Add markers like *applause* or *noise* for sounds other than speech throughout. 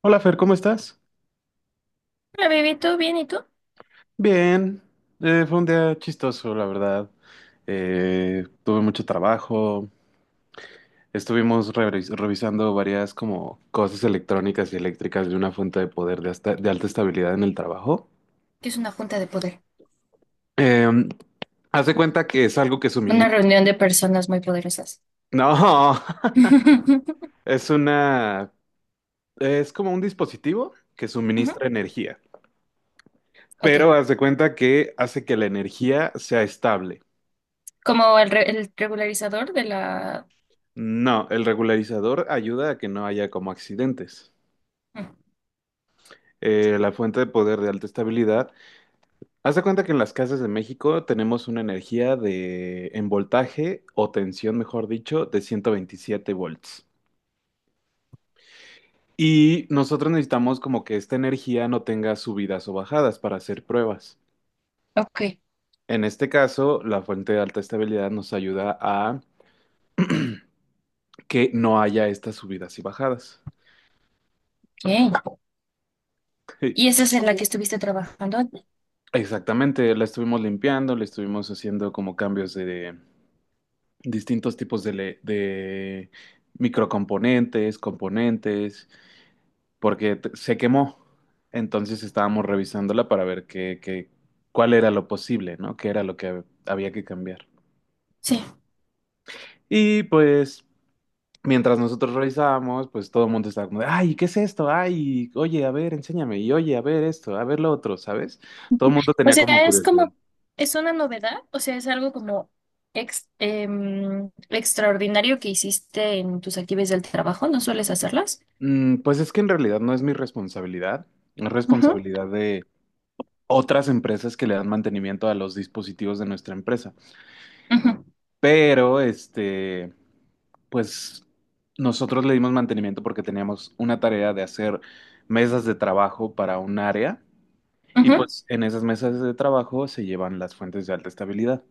Hola Fer, ¿cómo estás? Hola, baby, ¿todo bien? ¿Y tú? Bien, fue un día chistoso, la verdad. Tuve mucho trabajo, estuvimos revisando varias como cosas electrónicas y eléctricas de una fuente de poder de alta estabilidad en el trabajo. ¿Qué es una junta de poder, Em, Haz de cuenta que es algo que una suministra... reunión de personas muy poderosas? No, *laughs* *laughs* es una... Es como un dispositivo que Ujú. suministra energía, Ok, pero haz de cuenta que hace que la energía sea estable. como el, el regularizador de la... No, el regularizador ayuda a que no haya como accidentes. Mm. La fuente de poder de alta estabilidad. Haz de cuenta que en las casas de México tenemos una energía de en voltaje o tensión, mejor dicho, de 127 volts. Y nosotros necesitamos como que esta energía no tenga subidas o bajadas para hacer pruebas. Ok, En este caso, la fuente de alta estabilidad nos ayuda a que no haya estas subidas y bajadas. bien. ¿Y *laughs* esa es en la que estuviste trabajando? Exactamente, la estuvimos limpiando, le estuvimos haciendo como cambios de, distintos tipos de microcomponentes, componentes, porque se quemó. Entonces estábamos revisándola para ver cuál era lo posible, ¿no? Qué era lo que había que cambiar. Sí. Y pues, mientras nosotros revisábamos, pues todo el mundo estaba como de, ay, ¿qué es esto? Ay, oye, a ver, enséñame. Y oye, a ver esto, a ver lo otro, ¿sabes? Todo el mundo O tenía sea, como es curiosidad. como, es una novedad, o sea, es algo como extraordinario que hiciste en tus actividades del trabajo, ¿no sueles hacerlas? Mm, pues es que en realidad no es mi responsabilidad. Es Ujú, responsabilidad otras empresas que le dan mantenimiento a los dispositivos de nuestra empresa. ujú, Pero, este, pues nosotros le dimos mantenimiento porque teníamos una tarea de hacer mesas de trabajo para un área y ujú. pues en esas mesas de trabajo se llevan las fuentes de alta estabilidad.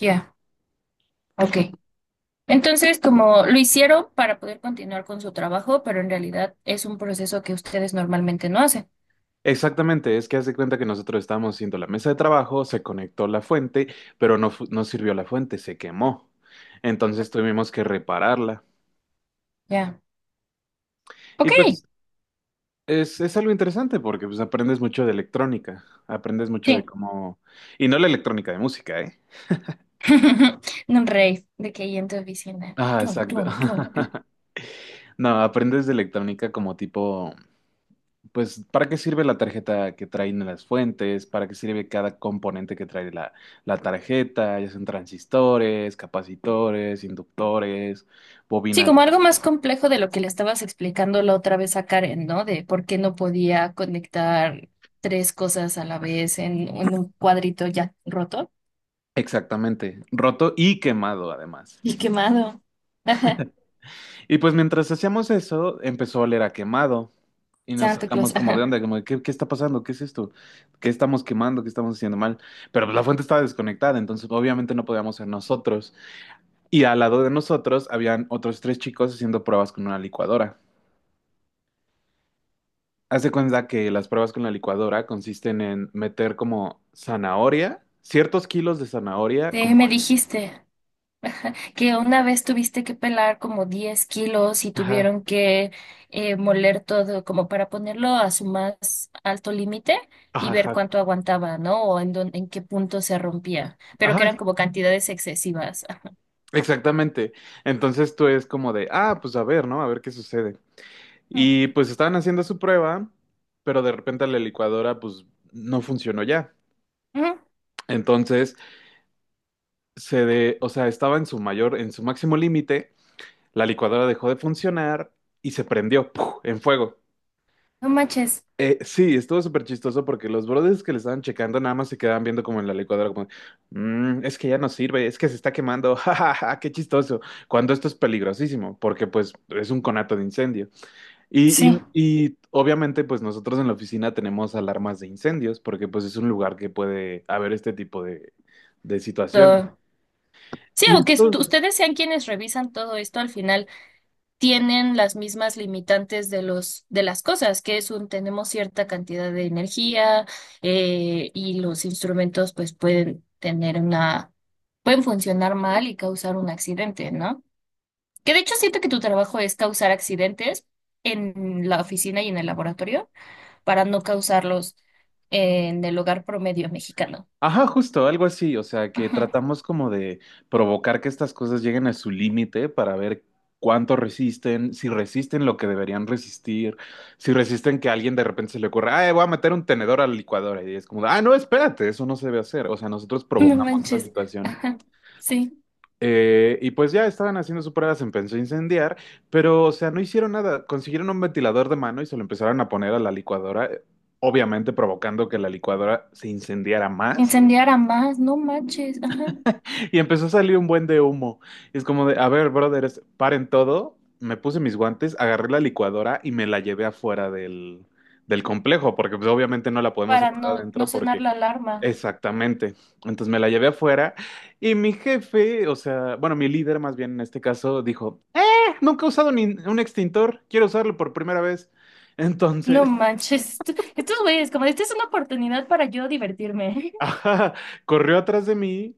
Ya. Ok. Entonces, como lo hicieron para poder continuar con su trabajo, pero en realidad es un proceso que ustedes normalmente no hacen. Exactamente, es que hace cuenta que nosotros estábamos haciendo la mesa de trabajo, se conectó la fuente, pero no, no sirvió la fuente, se quemó. Entonces tuvimos que repararla. Ya. Y Ok. pues es algo interesante porque pues aprendes mucho de electrónica, aprendes mucho de Sí. cómo... Y no la electrónica de música, ¿eh? *laughs* Un rave de que ahí en tu oficina. Ah, Tun, exacto. tun, tun, tun. *laughs* No, aprendes de electrónica como tipo, pues, ¿para qué sirve la tarjeta que traen las fuentes? ¿Para qué sirve cada componente que trae la, la tarjeta? Ya son transistores, capacitores, inductores, Sí, bobinas. como algo más complejo de lo que le estabas explicando la otra vez a Karen, ¿no? De por qué no podía conectar tres cosas a la vez en un cuadrito ya roto Exactamente, roto y quemado además. y quemado. Ajá. Y pues mientras hacíamos eso, empezó a oler a quemado. Y nos Santa Claus, sacamos como de ajá. onda, como, de, qué está pasando? ¿Qué es esto? ¿Qué estamos quemando? ¿Qué estamos haciendo mal? Pero pues, la fuente estaba desconectada, entonces obviamente no podíamos ser nosotros. Y al lado de nosotros habían otros tres chicos haciendo pruebas con una licuadora. Haz de cuenta que las pruebas con la licuadora consisten en meter como zanahoria, ciertos kilos de zanahoria, Sí, como... me dijiste que una vez tuviste que pelar como 10 kilos y Ajá, tuvieron que moler todo como para ponerlo a su más alto límite y ajá, ver ajá, cuánto aguantaba, ¿no? O en en qué punto se rompía, pero que ajá, eran como cantidades excesivas. Ajá. exactamente. Entonces tú es como de, ah, pues a ver, ¿no? A ver qué sucede. Y pues estaban haciendo su prueba, pero de repente la licuadora pues no funcionó ya. Ujú. Entonces, se de, o sea, estaba en su mayor, en su máximo límite, la licuadora dejó de funcionar y se prendió ¡puf! En fuego. No manches. Sí, estuvo súper chistoso porque los brothers que le estaban checando nada más se quedaban viendo como en la licuadora, como, "Mm, es que ya no sirve, es que se está quemando, *laughs* jajaja, qué chistoso, cuando esto es peligrosísimo, porque pues es un conato de incendio. Y, Sí. y obviamente, pues nosotros en la oficina tenemos alarmas de incendios, porque pues es un lugar que puede haber este tipo de situación. So, sí, Y aunque estos, ustedes sean quienes revisan todo esto, al final tienen las mismas limitantes de los, de las cosas, que es un, tenemos cierta cantidad de energía, y los instrumentos pues pueden tener una, pueden funcionar mal y causar un accidente, ¿no? Que de hecho siento que tu trabajo es causar accidentes en la oficina y en el laboratorio para no causarlos en el hogar promedio mexicano. ajá, justo, algo así, o sea, que Ajá. tratamos *laughs* como de provocar que estas cosas lleguen a su límite para ver cuánto resisten, si resisten lo que deberían resistir, si resisten que a alguien de repente se le ocurra, ah, voy a meter un tenedor a la licuadora, y es como, ah, no, espérate, eso no se debe hacer, o sea, nosotros No. Mm. provocamos estas Manches. situaciones. Ajá. Sí. Y pues ya estaban haciendo su prueba, se empezó a incendiar, pero o sea, no hicieron nada. Consiguieron un ventilador de mano y se lo empezaron a poner a la licuadora, obviamente provocando que la licuadora se incendiara más. Incendiar a más, no manches. Ajá. *laughs* Y empezó a salir un buen de humo. Y es como de, a ver, brothers, paren todo. Me puse mis guantes, agarré la licuadora y me la llevé afuera del, del complejo, porque pues, obviamente no la podemos Para apagar no, no adentro sonar porque... la alarma. Exactamente. Entonces me la llevé afuera y mi jefe, o sea, bueno, mi líder más bien en este caso, dijo, Nunca he usado un extintor, quiero usarlo por primera vez. No Entonces, manches, estos güeyes, como esta es una oportunidad para yo divertirme. *laughs* ajá, corrió atrás de mí,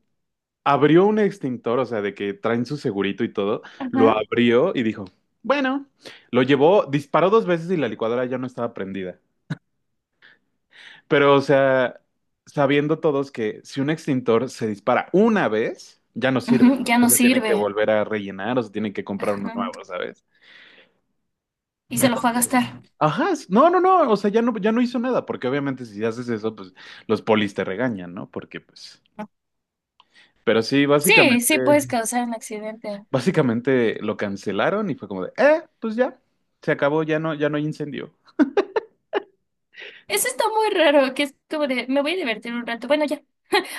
abrió un extintor, o sea, de que traen su segurito y todo, *laughs* lo Ajá. abrió y dijo, bueno, lo llevó, disparó dos veces y la licuadora ya no estaba prendida. Pero, o sea, sabiendo todos que si un extintor se dispara una vez, ya no sirve. Ujú, O ya sea, no se tiene que sirve. volver a rellenar o se tiene que comprar uno Ajá. nuevo, ¿sabes? Y se lo fue a Entonces, gastar. ajá, no, no, no, o sea, ya no, ya no hizo nada, porque obviamente si haces eso, pues los polis te regañan, ¿no? Porque, pues, pero sí, Sí, sí puedes básicamente... causar un accidente. Básicamente lo cancelaron y fue como de, pues ya, se acabó, ya no, ya no hay incendio. Eso está muy raro, que es como de, me voy a divertir un rato. Bueno, ya.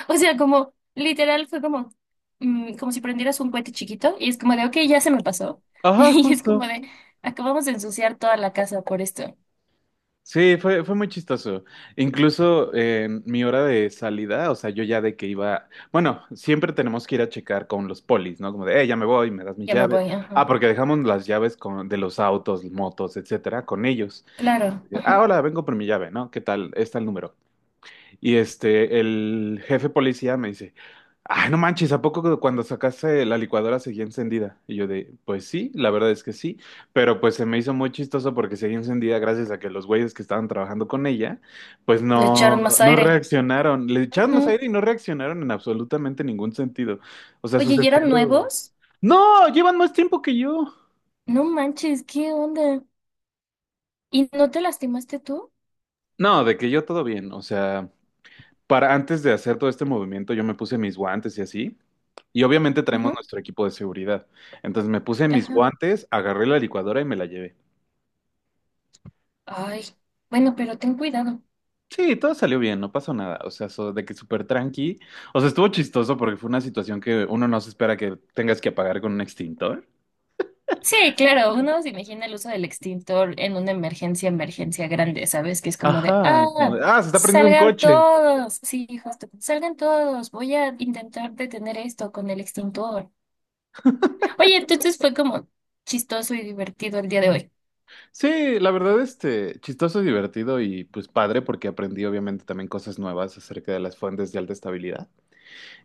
O sea, como, literal, fue como, mm, como si prendieras un cohete chiquito y es como de, ok, ya se me pasó. *laughs* Ajá, Y es como justo. de, acabamos de ensuciar toda la casa por esto. Sí, fue, fue muy chistoso. Incluso en mi hora de salida, o sea, yo ya de que iba, bueno, siempre tenemos que ir a checar con los polis, ¿no? Como de, ya me voy, me das mis Ya me llaves. voy, Ah, ajá. porque dejamos las llaves con, de los autos, motos, etcétera, con ellos. Claro, Ah, ajá. hola, vengo por mi llave, ¿no? ¿Qué tal? Está el número. Y este, el jefe policía me dice, ay, no manches, ¿a poco cuando sacaste la licuadora seguía encendida? Y yo de, pues sí, la verdad es que sí, pero pues se me hizo muy chistoso porque seguía encendida gracias a que los güeyes que estaban trabajando con ella, pues Le no, echaron más no aire. reaccionaron, le echaron más Ujú. aire y no reaccionaron en absolutamente ningún sentido. O sea, su Oye, ¿y eran sentido... nuevos? No, llevan más tiempo que yo. No manches, ¿qué onda? ¿Y no te lastimaste tú? No, de que yo todo bien, o sea... para antes de hacer todo este movimiento, yo me puse mis guantes y así. Y obviamente traemos Ujú. nuestro equipo de seguridad. Entonces me puse mis Ajá. guantes, agarré la licuadora y me la llevé. Ay, bueno, pero ten cuidado. Sí, todo salió bien, no pasó nada. O sea, de que súper tranqui. O sea, estuvo chistoso porque fue una situación que uno no se espera que tengas que apagar con un extintor. Sí, claro, uno se imagina el uso del extintor en una emergencia, emergencia grande, ¿sabes? Que es como de, Ajá, como ah, de, ah, se está prendiendo un salgan coche. todos. Sí, justo, salgan todos. Voy a intentar detener esto con el extintor. Oye, entonces fue como chistoso y divertido el día de Sí, la verdad, este, chistoso, divertido y pues padre porque aprendí obviamente también cosas nuevas acerca de las fuentes de alta estabilidad.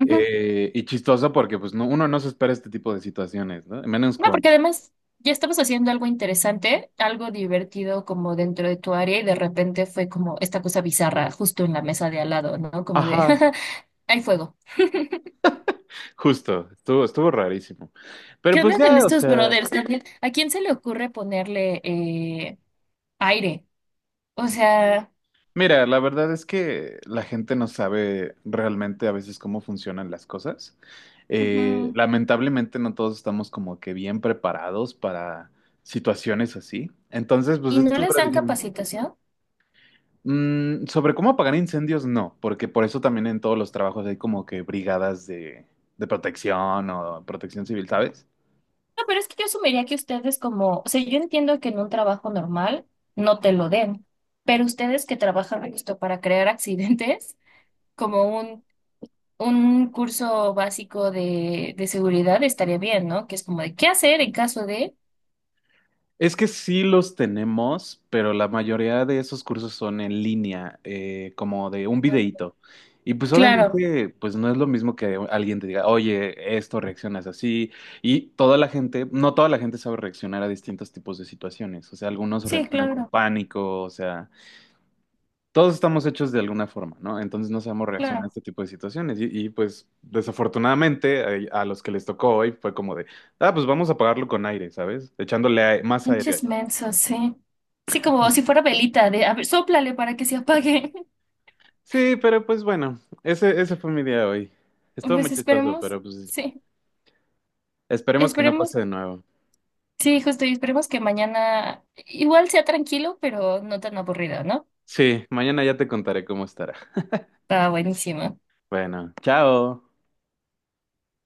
hoy. Y chistoso porque pues no, uno no se espera este tipo de situaciones, ¿no? Menos No, porque con... además ya estabas haciendo algo interesante, algo divertido como dentro de tu área y de repente fue como esta cosa bizarra justo en la mesa de al lado, ¿no? Como de, Ajá, *laughs* hay fuego. justo, estuvo, estuvo rarísimo. Pero ¿Qué pues onda con ya, o estos sea, brothers también? ¿A quién se le ocurre ponerle aire? O sea, mira, la verdad es que la gente no sabe realmente a veces cómo funcionan las cosas. Ujú. Lamentablemente no todos estamos como que bien preparados para situaciones así. Entonces, pues ¿Y no estos les dan brasileños capacitación? mm, sobre cómo apagar incendios, no, porque por eso también en todos los trabajos hay como que brigadas de protección o protección civil, ¿sabes? No, pero es que yo asumiría que ustedes como, o sea, yo entiendo que en un trabajo normal no te lo den, pero ustedes que trabajan justo para crear accidentes como un curso básico de seguridad estaría bien, ¿no? Que es como de qué hacer en caso de... Es que sí los tenemos, pero la mayoría de esos cursos son en línea, como de un videíto. Y pues Claro, obviamente, pues no es lo mismo que alguien te diga, oye, esto reaccionas así. Y toda la gente, no toda la gente sabe reaccionar a distintos tipos de situaciones. O sea, algunos sí, reaccionan con claro, pánico, o sea... todos estamos hechos de alguna forma, ¿no? Entonces no sabemos reaccionar a claro. este tipo de situaciones. Pues desafortunadamente los que les tocó hoy fue como de, ah, pues vamos a pagarlo con aire, ¿sabes? Echándole más aire. Pinches mensos, sí. Sí, como si fuera velita de, a ver, sóplale para que se apague. *laughs* Sí, pero pues bueno, ese fue mi día hoy. Estuvo Pues muy chistoso, pero pues sí, esperemos que no esperemos, pase de nuevo. sí, justo, y esperemos que mañana igual sea tranquilo, pero no tan aburrido, ¿no? Sí, mañana ya te contaré cómo estará. Está buenísimo. Bueno, chao.